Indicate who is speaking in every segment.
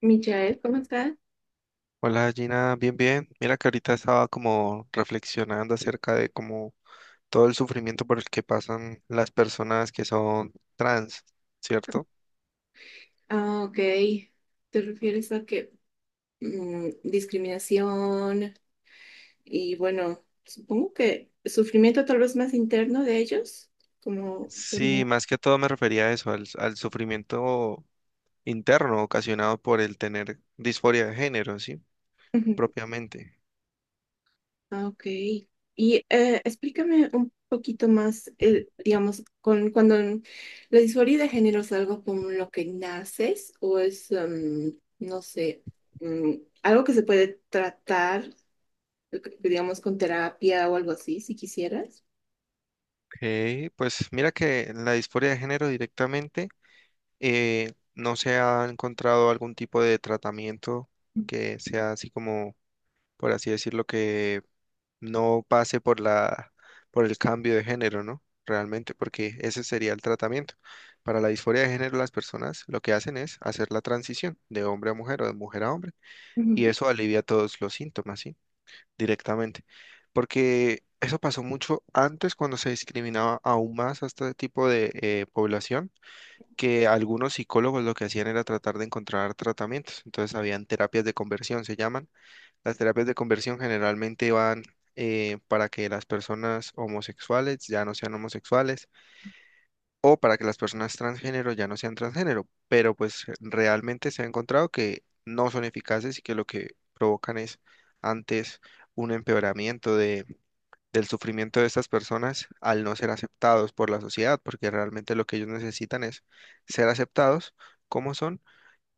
Speaker 1: Michael, ¿cómo estás?
Speaker 2: Hola Gina, bien, bien. Mira que ahorita estaba como reflexionando acerca de como todo el sufrimiento por el que pasan las personas que son trans, ¿cierto?
Speaker 1: Ah, ok. ¿Te refieres a que discriminación y bueno, supongo que sufrimiento tal vez más interno de ellos? Como,
Speaker 2: Sí,
Speaker 1: como-
Speaker 2: más que todo me refería a eso, al sufrimiento interno ocasionado por el tener disforia de género, ¿sí?
Speaker 1: Ujú.
Speaker 2: Propiamente.
Speaker 1: Ah, ok. Y explícame un poquito más, digamos, cuando la disforia de género es algo con lo que naces o es, no sé, algo que se puede tratar, digamos, con terapia o algo así, si quisieras.
Speaker 2: Ok, pues mira que la disforia de género directamente no se ha encontrado algún tipo de tratamiento que sea así como, por así decirlo, que no pase por la, por el cambio de género, ¿no? Realmente, porque ese sería el tratamiento. Para la disforia de género, las personas lo que hacen es hacer la transición de hombre a mujer o de mujer a hombre, y
Speaker 1: Ujú.
Speaker 2: eso alivia todos los síntomas, ¿sí? Directamente. Porque eso pasó mucho antes cuando se discriminaba aún más a este tipo de población, que algunos psicólogos lo que hacían era tratar de encontrar tratamientos. Entonces, habían terapias de conversión, se llaman las terapias de conversión generalmente van para que las personas homosexuales ya no sean homosexuales o para que las personas transgénero ya no sean transgénero, pero pues realmente se ha encontrado que no son eficaces y que lo que provocan es antes un empeoramiento de, del sufrimiento de estas personas al no ser aceptados por la sociedad, porque realmente lo que ellos necesitan es ser aceptados como son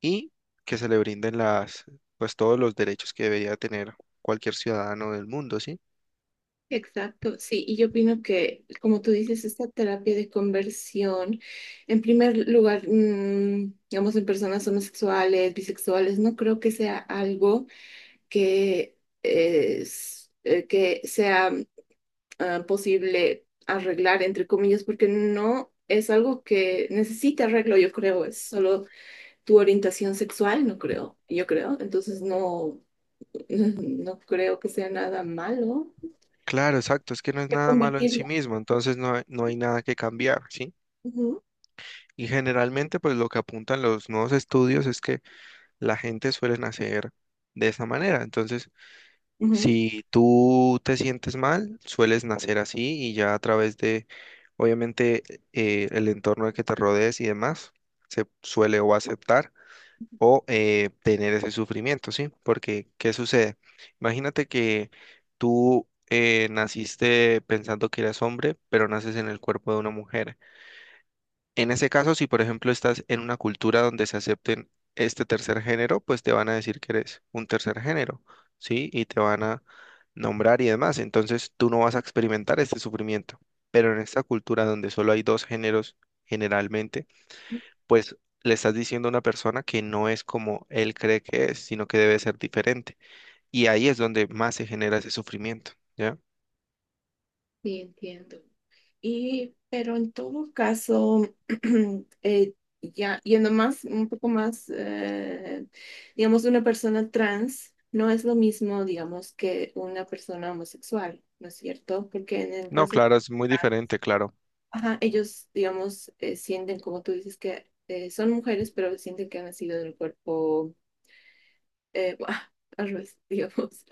Speaker 2: y que se le brinden las, pues todos los derechos que debería tener cualquier ciudadano del mundo, ¿sí?
Speaker 1: Exacto, sí, y yo opino que, como tú dices, esta terapia de conversión, en primer lugar, digamos, en personas homosexuales, bisexuales, no creo que sea algo que, que sea posible arreglar, entre comillas, porque no es algo que necesite arreglo, yo creo, es solo tu orientación sexual, no creo, yo creo, entonces no, no creo que sea nada malo
Speaker 2: Claro, exacto, es que no es nada malo en sí
Speaker 1: convertirlo.
Speaker 2: mismo, entonces no, no hay nada que cambiar, ¿sí? Y generalmente, pues lo que apuntan los nuevos estudios es que la gente suele nacer de esa manera. Entonces,
Speaker 1: Ujú.
Speaker 2: si tú te sientes mal, sueles nacer así y ya a través de, obviamente, el entorno al que te rodees y demás, se suele o aceptar o tener ese sufrimiento, ¿sí? Porque, ¿qué sucede? Imagínate que tú naciste pensando que eras hombre, pero naces en el cuerpo de una mujer. En ese caso, si por ejemplo estás en una cultura donde se acepten este tercer género, pues te van a decir que eres un tercer género, ¿sí? Y te van a nombrar y demás. Entonces, tú no vas a experimentar este sufrimiento. Pero en esta cultura donde solo hay dos géneros generalmente, pues le estás diciendo a una persona que no es como él cree que es, sino que debe ser diferente. Y ahí es donde más se genera ese sufrimiento, ¿ya?
Speaker 1: Sí, entiendo. Y, pero en todo caso, eh, ya yendo más, un poco más, digamos, una persona trans no es lo mismo, digamos, que una persona homosexual, ¿no es cierto? Porque en el
Speaker 2: No,
Speaker 1: caso,
Speaker 2: claro, es muy diferente, claro.
Speaker 1: ajá, ellos, digamos, sienten, como tú dices, que son mujeres, pero sienten que han nacido del cuerpo, eh, al revés, digamos.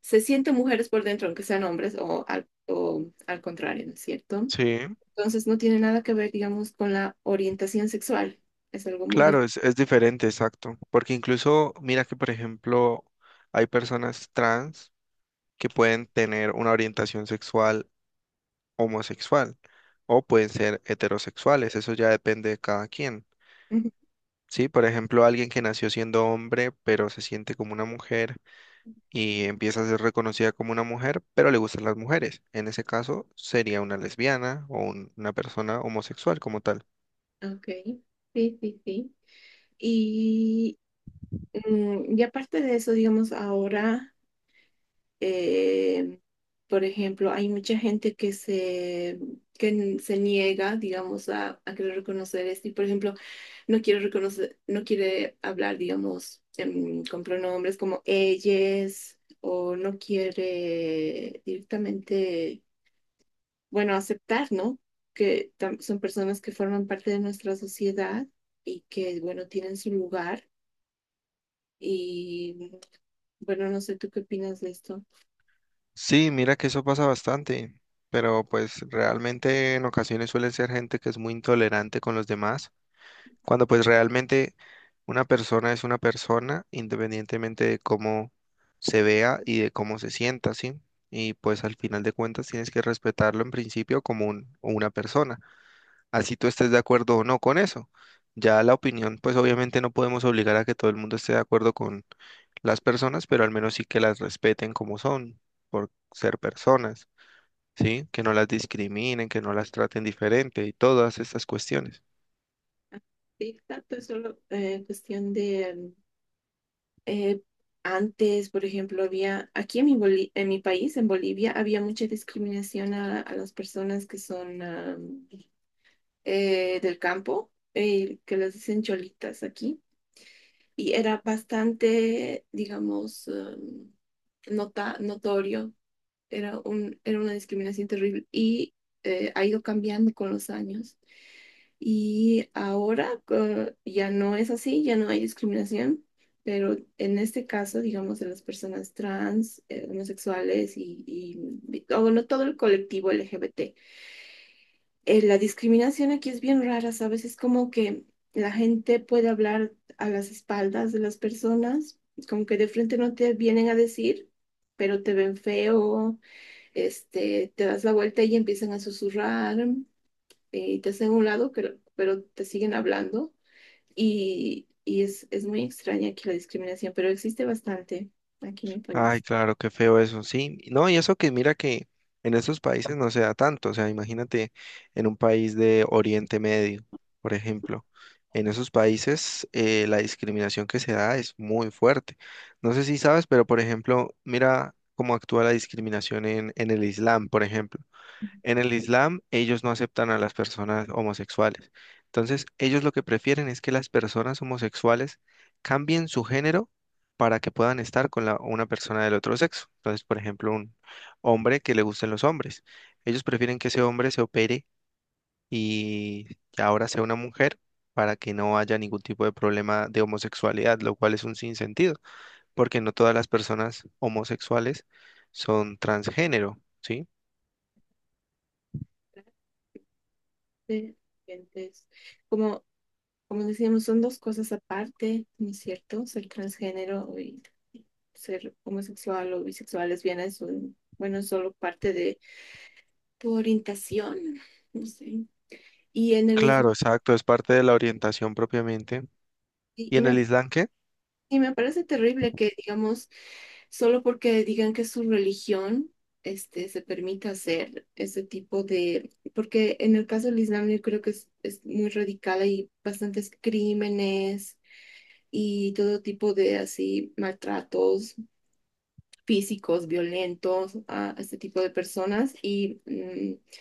Speaker 1: Se sienten mujeres por dentro, aunque sean hombres, o o al contrario, ¿no es cierto?
Speaker 2: Sí,
Speaker 1: Entonces no tiene nada que ver, digamos, con la orientación sexual. Es algo muy
Speaker 2: claro,
Speaker 1: diferente.
Speaker 2: es diferente, exacto. Porque incluso, mira que, por ejemplo, hay personas trans que pueden tener una orientación sexual homosexual o pueden ser heterosexuales, eso ya depende de cada quien.
Speaker 1: Ujú.
Speaker 2: Sí, por ejemplo, alguien que nació siendo hombre, pero se siente como una mujer y empieza a ser reconocida como una mujer, pero le gustan las mujeres. En ese caso, sería una lesbiana o una persona homosexual como tal.
Speaker 1: Ok, sí, sí, sí. Y, y aparte de eso, digamos, ahora, eh, por ejemplo, hay mucha gente se niega, digamos, a querer reconocer esto. Y, por ejemplo, no quiere reconocer, no quiere hablar, digamos, con pronombres como ellas, o no quiere directamente bueno, aceptar, ¿no? Que son personas que forman parte de nuestra sociedad y que, bueno, tienen su lugar. Y bueno, no sé tú qué opinas de esto.
Speaker 2: Sí, mira que eso pasa bastante, pero pues realmente en ocasiones suele ser gente que es muy intolerante con los demás, cuando pues realmente una persona es una persona independientemente de cómo se vea y de cómo se sienta, ¿sí? Y pues al final de cuentas tienes que respetarlo en principio como una persona. Así tú estés de acuerdo o no con eso. Ya la opinión, pues obviamente no podemos obligar a que todo el mundo esté de acuerdo con las personas, pero al menos sí que las respeten como son, por ser personas, ¿sí? Que no las discriminen, que no las traten diferente y todas estas cuestiones.
Speaker 1: Sí, tanto es solo cuestión de eh, antes, por ejemplo, había aquí en en mi país, en Bolivia, había mucha discriminación a las personas que son del campo, que les dicen cholitas aquí. Y era bastante, digamos, notorio, era era una discriminación terrible y ha ido cambiando con los años. Y ya no es así, ya no hay discriminación, pero en este caso, digamos, de las personas trans, homosexuales o bueno, todo el colectivo LGBT, la discriminación aquí es bien rara, ¿sabes? Es como que la gente puede hablar a las espaldas de las personas, como que de frente no te vienen a decir, pero te ven feo, este, te das la vuelta y empiezan a susurrar, y te hacen a un lado, pero te siguen hablando y es muy extraña aquí la discriminación, pero existe bastante aquí en el
Speaker 2: Ay,
Speaker 1: país.
Speaker 2: claro, qué feo eso, sí. No, y eso que mira que en esos países no se da tanto, o sea, imagínate en un país de Oriente Medio, por ejemplo, en esos países la discriminación que se da es muy fuerte. No sé si sabes, pero por ejemplo, mira cómo actúa la discriminación en el Islam, por ejemplo. En el Islam, ellos no aceptan a las personas homosexuales. Entonces, ellos lo que prefieren es que las personas homosexuales cambien su género para que puedan estar con una persona del otro sexo. Entonces, por ejemplo, un hombre que le gusten los hombres. Ellos prefieren que ese hombre se opere y ahora sea una mujer para que no haya ningún tipo de problema de homosexualidad, lo cual es un sinsentido, porque no todas las personas homosexuales son transgénero, ¿sí?
Speaker 1: De- gente, es Como Como decíamos, son dos cosas aparte, ¿no es cierto? Ser transgénero y ser homosexual o bisexual, lesbiana es bueno, es solo parte de tu orientación, no sé. Y en el Islam,
Speaker 2: Claro, exacto, es parte de la orientación propiamente.
Speaker 1: y,
Speaker 2: ¿Y
Speaker 1: y
Speaker 2: en el
Speaker 1: me,
Speaker 2: Islam qué?
Speaker 1: y me parece terrible que, digamos, solo porque digan que es su religión, este, se permita hacer ese tipo de, porque en el caso del Islam yo creo que es muy radical, hay bastantes crímenes y todo tipo de así maltratos físicos violentos a este tipo de personas y mm,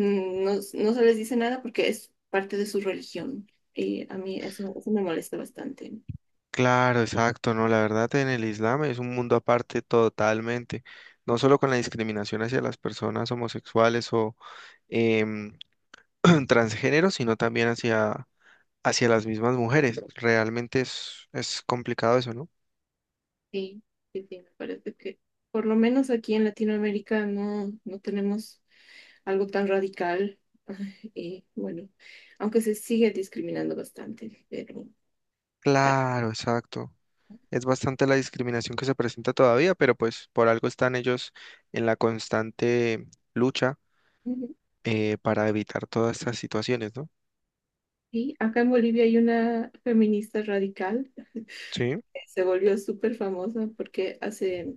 Speaker 1: mm, no, no se les dice nada porque es parte de su religión. Y a mí eso me molesta bastante.
Speaker 2: Claro, exacto, no, la verdad en el Islam es un mundo aparte totalmente, no solo con la discriminación hacia las personas homosexuales o em, transgénero, sino también hacia, hacia las mismas mujeres. Realmente es complicado eso, ¿no?
Speaker 1: Sí, sí, sí, me parece que por lo menos aquí en Latinoamérica no, no tenemos algo tan radical. Y bueno, aunque se sigue discriminando bastante, pero... Ah,
Speaker 2: Claro, exacto. Es bastante la discriminación que se presenta todavía, pero pues por algo están ellos en la constante lucha
Speaker 1: ujú.
Speaker 2: para evitar todas estas situaciones, ¿no?
Speaker 1: Sí, acá en Bolivia hay una feminista radical,
Speaker 2: Sí,
Speaker 1: se volvió súper famosa porque hace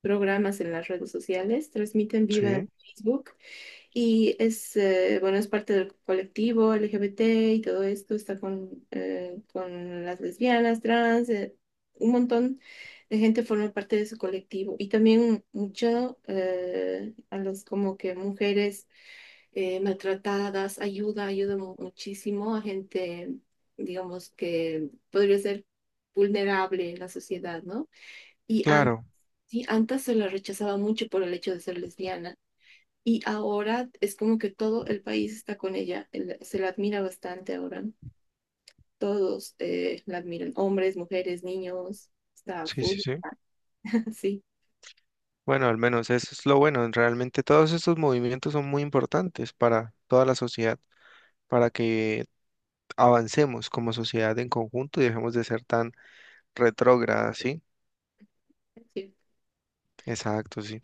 Speaker 1: programas en las redes sociales, transmite en vivo
Speaker 2: sí,
Speaker 1: en Facebook y es, bueno, es parte del colectivo LGBT y todo esto, está con las lesbianas, trans, un montón de gente forma parte de su colectivo y también mucho a los como que mujeres maltratadas, ayuda, muchísimo a gente, digamos, que podría ser vulnerable en la sociedad, ¿no? Y antes,
Speaker 2: claro,
Speaker 1: sí, antes se la rechazaba mucho por el hecho de ser lesbiana y ahora es como que todo el país está con ella, se la admira bastante ahora. Todos la admiran, hombres, mujeres, niños, está
Speaker 2: sí, sí,
Speaker 1: full,
Speaker 2: sí.
Speaker 1: sí.
Speaker 2: Bueno, al menos eso es lo bueno. Realmente todos estos movimientos son muy importantes para toda la sociedad, para que avancemos como sociedad en conjunto y dejemos de ser tan retrógradas, ¿sí?
Speaker 1: Sí,
Speaker 2: Exacto, sí.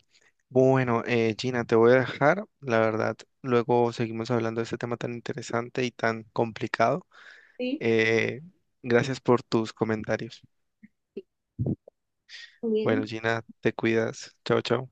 Speaker 2: Bueno, Gina, te voy a dejar, la verdad. Luego seguimos hablando de este tema tan interesante y tan complicado.
Speaker 1: sí,
Speaker 2: Eh, gracias por tus comentarios.
Speaker 1: muy
Speaker 2: Bueno,
Speaker 1: bien.
Speaker 2: Gina, te cuidas. Chao, chao.